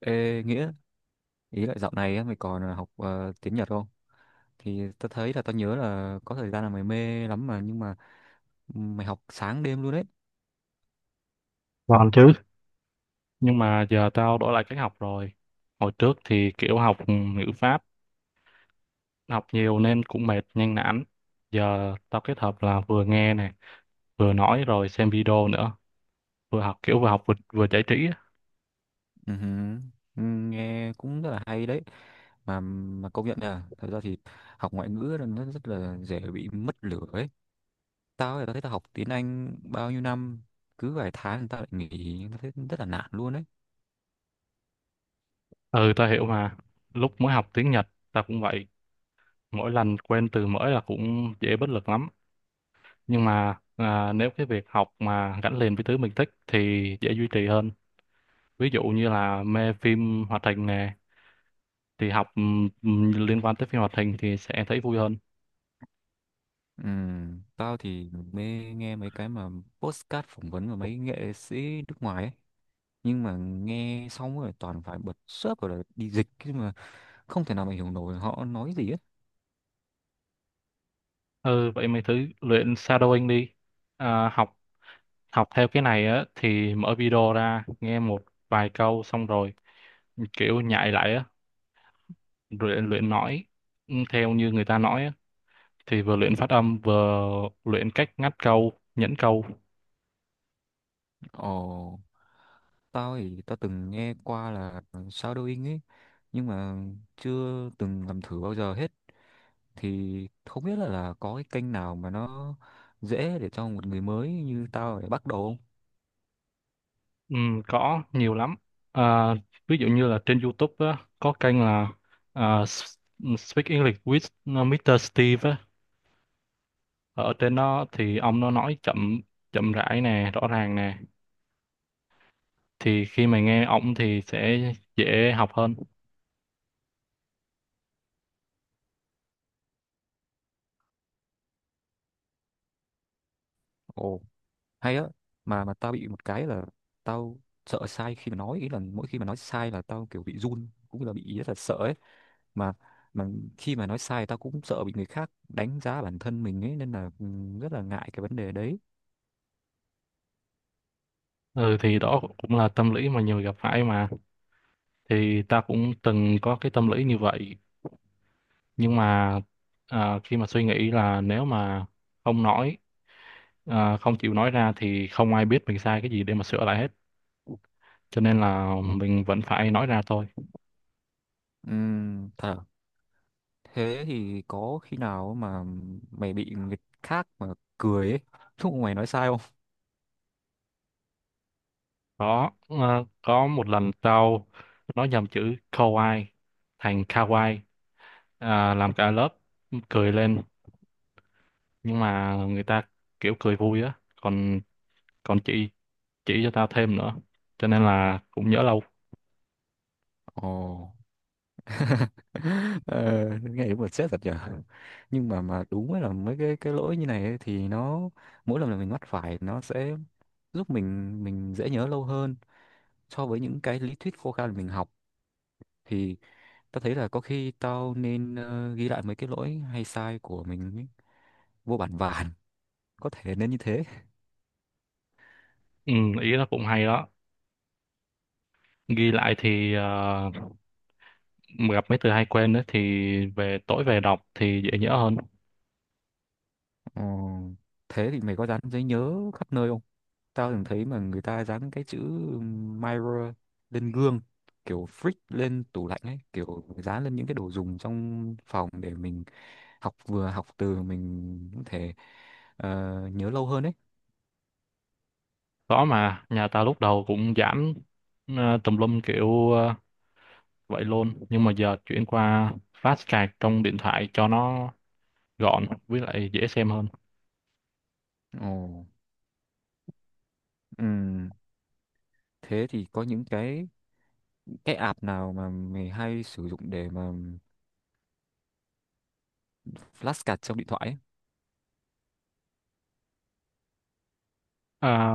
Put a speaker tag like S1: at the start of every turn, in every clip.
S1: Ê, Nghĩa, ý là dạo này á, mày còn học tiếng Nhật không? Thì tao thấy là tao nhớ là có thời gian là mày mê lắm mà nhưng mà mày học sáng đêm luôn đấy.
S2: Còn chứ, nhưng mà giờ tao đổi lại cách học rồi. Hồi trước thì kiểu học ngữ pháp, học nhiều nên cũng mệt, nhanh nản. Giờ tao kết hợp là vừa nghe này, vừa nói rồi xem video nữa. Vừa học kiểu vừa học vừa giải trí á.
S1: Ừ hừ, ừ, nghe cũng rất là hay đấy. Mà công nhận là thật ra thì học ngoại ngữ là nó rất là dễ bị mất lửa ấy. Tao thì tao thấy tao học tiếng Anh bao nhiêu năm, cứ vài tháng tao lại nghỉ, tao thấy rất là nản luôn đấy.
S2: Ừ, tao hiểu mà. Lúc mới học tiếng Nhật, tao cũng vậy. Mỗi lần quen từ mới là cũng dễ bất lực lắm. Nhưng mà nếu cái việc học mà gắn liền với thứ mình thích thì dễ duy trì hơn. Ví dụ như là mê phim hoạt hình nè, thì học liên quan tới phim hoạt hình thì sẽ thấy vui hơn.
S1: Ừ, tao thì mê nghe mấy cái mà podcast phỏng vấn của mấy nghệ sĩ nước ngoài ấy. Nhưng mà nghe xong rồi toàn phải bật sub rồi là đi dịch chứ mà không thể nào mà hiểu nổi họ nói gì hết.
S2: Ừ, vậy mày thử luyện shadowing đi. À, học học theo cái này á thì mở video ra nghe một vài câu xong rồi kiểu nhại lại á, luyện luyện nói theo như người ta nói á, thì vừa luyện phát âm vừa luyện cách ngắt câu nhẫn câu.
S1: Ồ, tao thì tao từng nghe qua là shadowing ấy nhưng mà chưa từng làm thử bao giờ hết, thì không biết là có cái kênh nào mà nó dễ để cho một người mới như tao để bắt đầu không?
S2: Có nhiều lắm, à, ví dụ như là trên YouTube á, có kênh là Speak English with Mr. Steve á. Ở trên đó thì ông nó nói chậm chậm rãi nè, rõ ràng nè, thì khi mà nghe ổng thì sẽ dễ học hơn.
S1: Ồ, hay á, mà tao bị một cái là tao sợ sai khi mà nói, ý là mỗi khi mà nói sai là tao kiểu bị run cũng là bị rất là sợ ấy, mà mà khi mà nói sai tao cũng sợ bị người khác đánh giá bản thân mình ấy nên là rất là ngại cái vấn đề đấy.
S2: Ừ, thì đó cũng là tâm lý mà nhiều người gặp phải mà, thì ta cũng từng có cái tâm lý như vậy. Nhưng mà khi mà suy nghĩ là nếu mà không nói không chịu nói ra thì không ai biết mình sai cái gì để mà sửa lại hết, cho nên là mình vẫn phải nói ra thôi.
S1: Thật à? Thế thì có khi nào mà mày bị người khác mà cười ấy lúc mà mày nói sai không?
S2: Có một lần tao nó nhầm chữ kawaii thành kawaii, làm cả lớp cười lên, nhưng mà người ta kiểu cười vui á, còn còn chị chỉ cho tao thêm nữa, cho nên là cũng nhớ lâu.
S1: Ồ. ờ, Nghe đúng là stress thật nhở. Nhưng mà đúng là mấy cái lỗi như này ấy, thì nó mỗi lần là mình mắc phải nó sẽ giúp mình dễ nhớ lâu hơn so với những cái lý thuyết khô khan mà mình học, thì tao thấy là có khi tao nên ghi lại mấy cái lỗi hay sai của mình ấy, vô bản vàn, có thể nên như thế.
S2: Ừ, ý nó cũng hay đó. Ghi lại thì gặp mấy từ hay quên đấy thì tối về đọc thì dễ nhớ hơn.
S1: Ờ, thế thì mày có dán giấy nhớ khắp nơi không? Tao từng thấy mà người ta dán cái chữ mirror lên gương, kiểu freak lên tủ lạnh ấy, kiểu dán lên những cái đồ dùng trong phòng để mình học, vừa học từ mình có thể ờ, nhớ lâu hơn ấy.
S2: Có mà, nhà tao lúc đầu cũng giảm tùm lum kiểu vậy luôn, nhưng mà giờ chuyển qua fast card trong điện thoại cho nó gọn với lại dễ xem hơn.
S1: Ồ. Ừm, thế thì có những cái app nào mà mày hay sử dụng để mà flashcard trong điện thoại ấy?
S2: à,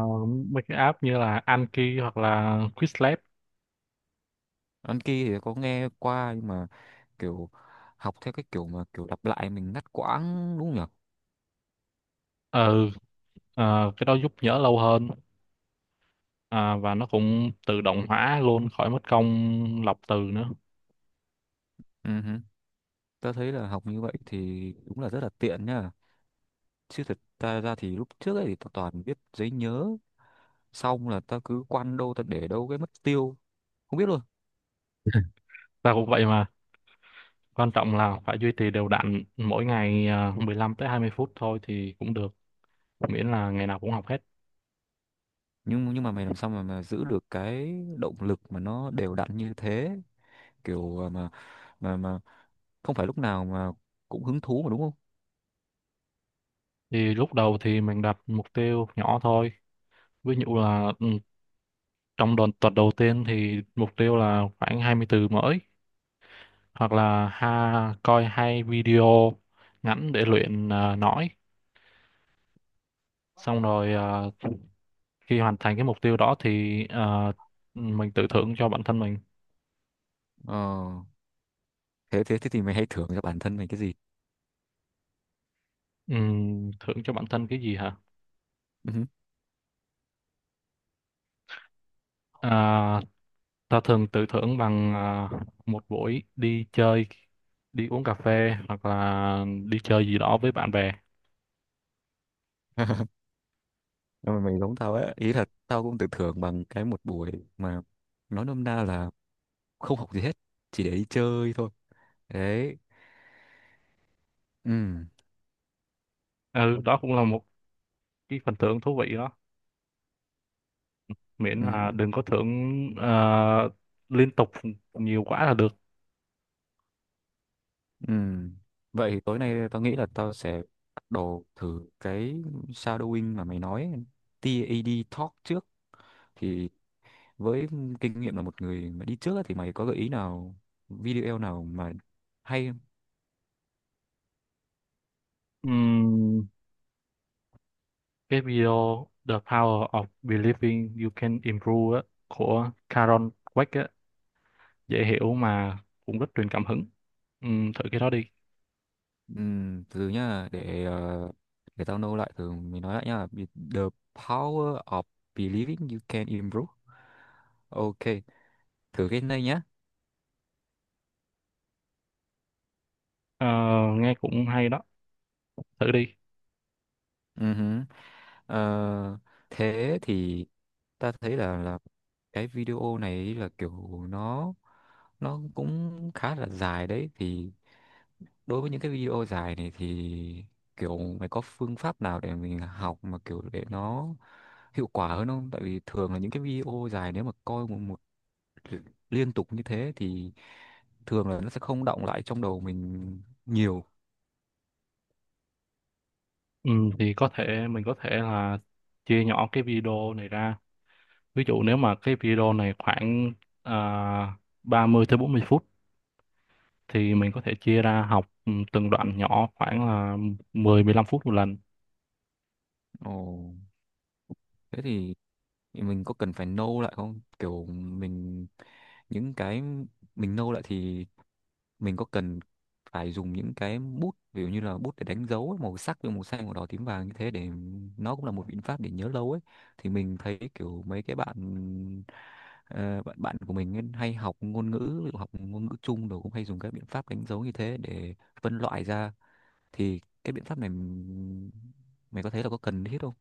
S2: Mấy cái app như là Anki hoặc là Quizlet.
S1: Anki thì có nghe qua nhưng mà kiểu học theo cái kiểu mà kiểu lặp lại mình ngắt quãng đúng không
S2: Ừ. Cái đó giúp nhớ lâu hơn, và nó cũng tự động hóa luôn khỏi mất công lọc từ nữa.
S1: nhỉ? Tớ thấy là học như vậy thì đúng là rất là tiện nhá. Chứ thật ta ra thì lúc trước ấy thì tao toàn viết giấy nhớ, xong là ta cứ quăng đâu ta để đâu cái mất tiêu, không biết luôn.
S2: Ta cũng vậy mà, quan trọng là phải duy trì đều đặn mỗi ngày, 15 tới 20 phút thôi thì cũng được, miễn là ngày nào cũng học hết.
S1: Nhưng mà mày làm sao mà giữ được cái động lực mà nó đều đặn như thế, kiểu à, mà không phải lúc nào mà cũng hứng thú mà đúng không?
S2: Thì lúc đầu thì mình đặt mục tiêu nhỏ thôi, ví dụ là trong đợt tuần đầu tiên thì mục tiêu là khoảng 20 từ mới, hoặc là coi hai video ngắn để luyện nói. Xong rồi khi hoàn thành cái mục tiêu đó thì mình tự thưởng cho bản thân mình.
S1: Ờ, thế thế thế thì mày hay thưởng cho bản thân mày cái gì?
S2: Thưởng cho bản thân cái gì hả?
S1: Ừ.
S2: à, Ta thường tự thưởng bằng một buổi đi chơi, đi uống cà phê, hoặc là đi chơi gì đó với bạn bè.
S1: Nhưng mà mày giống tao ấy, ý là tao cũng tự thưởng bằng cái một buổi mà nói nôm na là không học gì hết, chỉ để đi chơi thôi đấy. Ừ.
S2: Ừ, đó cũng là một cái phần thưởng thú vị, miễn là
S1: Ừ.
S2: đừng có thưởng ờ, liên tục nhiều quá là được.
S1: Ừ, vậy thì tối nay tao nghĩ là tao sẽ bắt đầu thử cái shadowing mà mày nói, tê a TAD Talk trước thì, với kinh nghiệm là một người mà đi trước á, thì mày có gợi ý nào, video nào mà hay không?
S2: Ừm, cái video The Power of Believing You Can Improve á, của Karen Dweck á, dễ hiểu mà cũng rất truyền cảm hứng. Thử cái đó đi.
S1: Từ nhá, để để tao nâu lại từ mình nói lại nhá. The power of believing you can improve. OK, thử cái này nhá.
S2: Ờ, nghe cũng hay đó, thử đi.
S1: Ừ hứ. Ờ, thế thì ta thấy là cái video này là kiểu nó cũng khá là dài đấy, thì đối với những cái video dài này thì kiểu mày có phương pháp nào để mình học mà kiểu để nó hiệu quả hơn không? Tại vì thường là những cái video dài nếu mà coi một liên tục như thế thì thường là nó sẽ không đọng lại trong đầu mình nhiều.
S2: Thì có thể mình có thể chia nhỏ cái video này ra. Ví dụ nếu mà cái video này khoảng uh, 30 tới 40 phút thì mình có thể chia ra học từng đoạn nhỏ khoảng là 10-15 phút một lần.
S1: Ồ, thế thì mình có cần phải nâu lại không, kiểu mình những cái mình nâu lại thì mình có cần phải dùng những cái bút, ví dụ như là bút để đánh dấu ấy, màu sắc như màu xanh màu đỏ tím vàng như thế, để nó cũng là một biện pháp để nhớ lâu ấy, thì mình thấy kiểu mấy cái bạn, ờ, bạn của mình ấy, hay học ngôn ngữ, ví dụ học ngôn ngữ chung rồi cũng hay dùng các biện pháp đánh dấu như thế để phân loại ra, thì cái biện pháp này mày có thấy là có cần thiết không?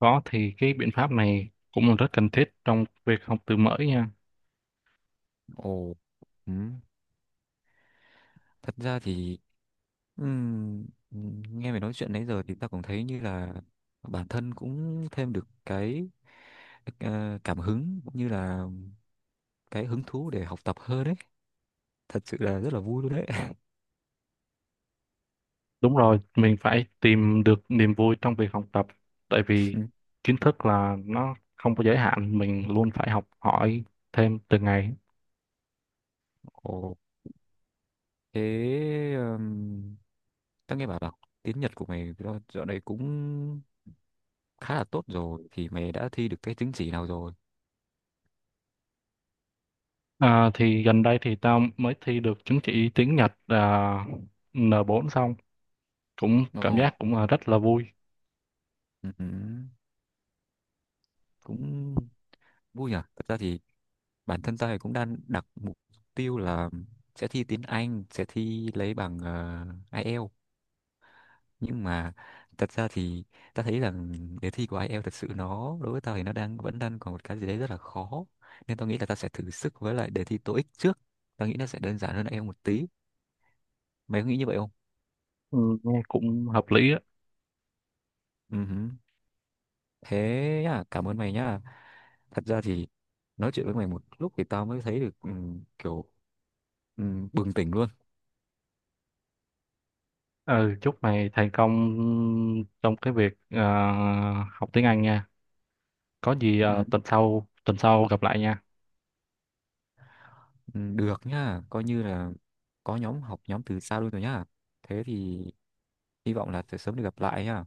S2: Đó thì cái biện pháp này cũng là rất cần thiết trong việc học từ mới nha.
S1: Ồ. Ừ. Thật ra thì nghe mày nói chuyện nãy giờ thì tao cũng thấy như là bản thân cũng thêm được cái cảm hứng, cũng như là cái hứng thú để học tập hơn đấy, thật sự là rất là vui luôn đấy.
S2: Đúng rồi, mình phải tìm được niềm vui trong việc học tập, tại vì
S1: Ừ.
S2: kiến thức là nó không có giới hạn, mình luôn phải học hỏi thêm từng ngày.
S1: Ồ, thế tao nghe bảo là tiếng Nhật của mày do- dạo này cũng khá là tốt rồi, thì mày đã thi được cái chứng chỉ nào rồi?
S2: Thì gần đây thì tao mới thi được chứng chỉ tiếng Nhật, N4 xong cũng cảm
S1: Ồ,
S2: giác cũng là rất là vui.
S1: ừ, ừ, cũng vui nhỉ. Thật ra thì bản thân tôi cũng đang đặt mục tiêu là sẽ thi tiếng Anh, sẽ thi lấy bằng IELTS, nhưng mà thật ra thì ta thấy rằng đề thi của IELTS thật sự nó đối với tao thì nó đang vẫn đang còn một cái gì đấy rất là khó, nên tao nghĩ là ta sẽ thử sức với lại đề thi TOEIC trước, tao nghĩ nó sẽ đơn giản hơn IELTS một tí, mày có nghĩ như vậy không?
S2: Ừ, nghe cũng hợp lý á.
S1: Ừ hử. Thế nhá, cảm ơn mày nhá, thật ra thì nói chuyện với mày một lúc thì tao mới thấy được ừ, kiểu ừ, bừng tỉnh luôn.
S2: Ừ, chúc mày thành công trong cái việc học tiếng Anh nha. Có gì
S1: Ừ.
S2: tuần sau gặp lại nha.
S1: Ừ, được nhá, coi như là có nhóm học, nhóm từ xa luôn rồi nhá. Thế thì hy vọng là sẽ sớm được gặp lại nhá.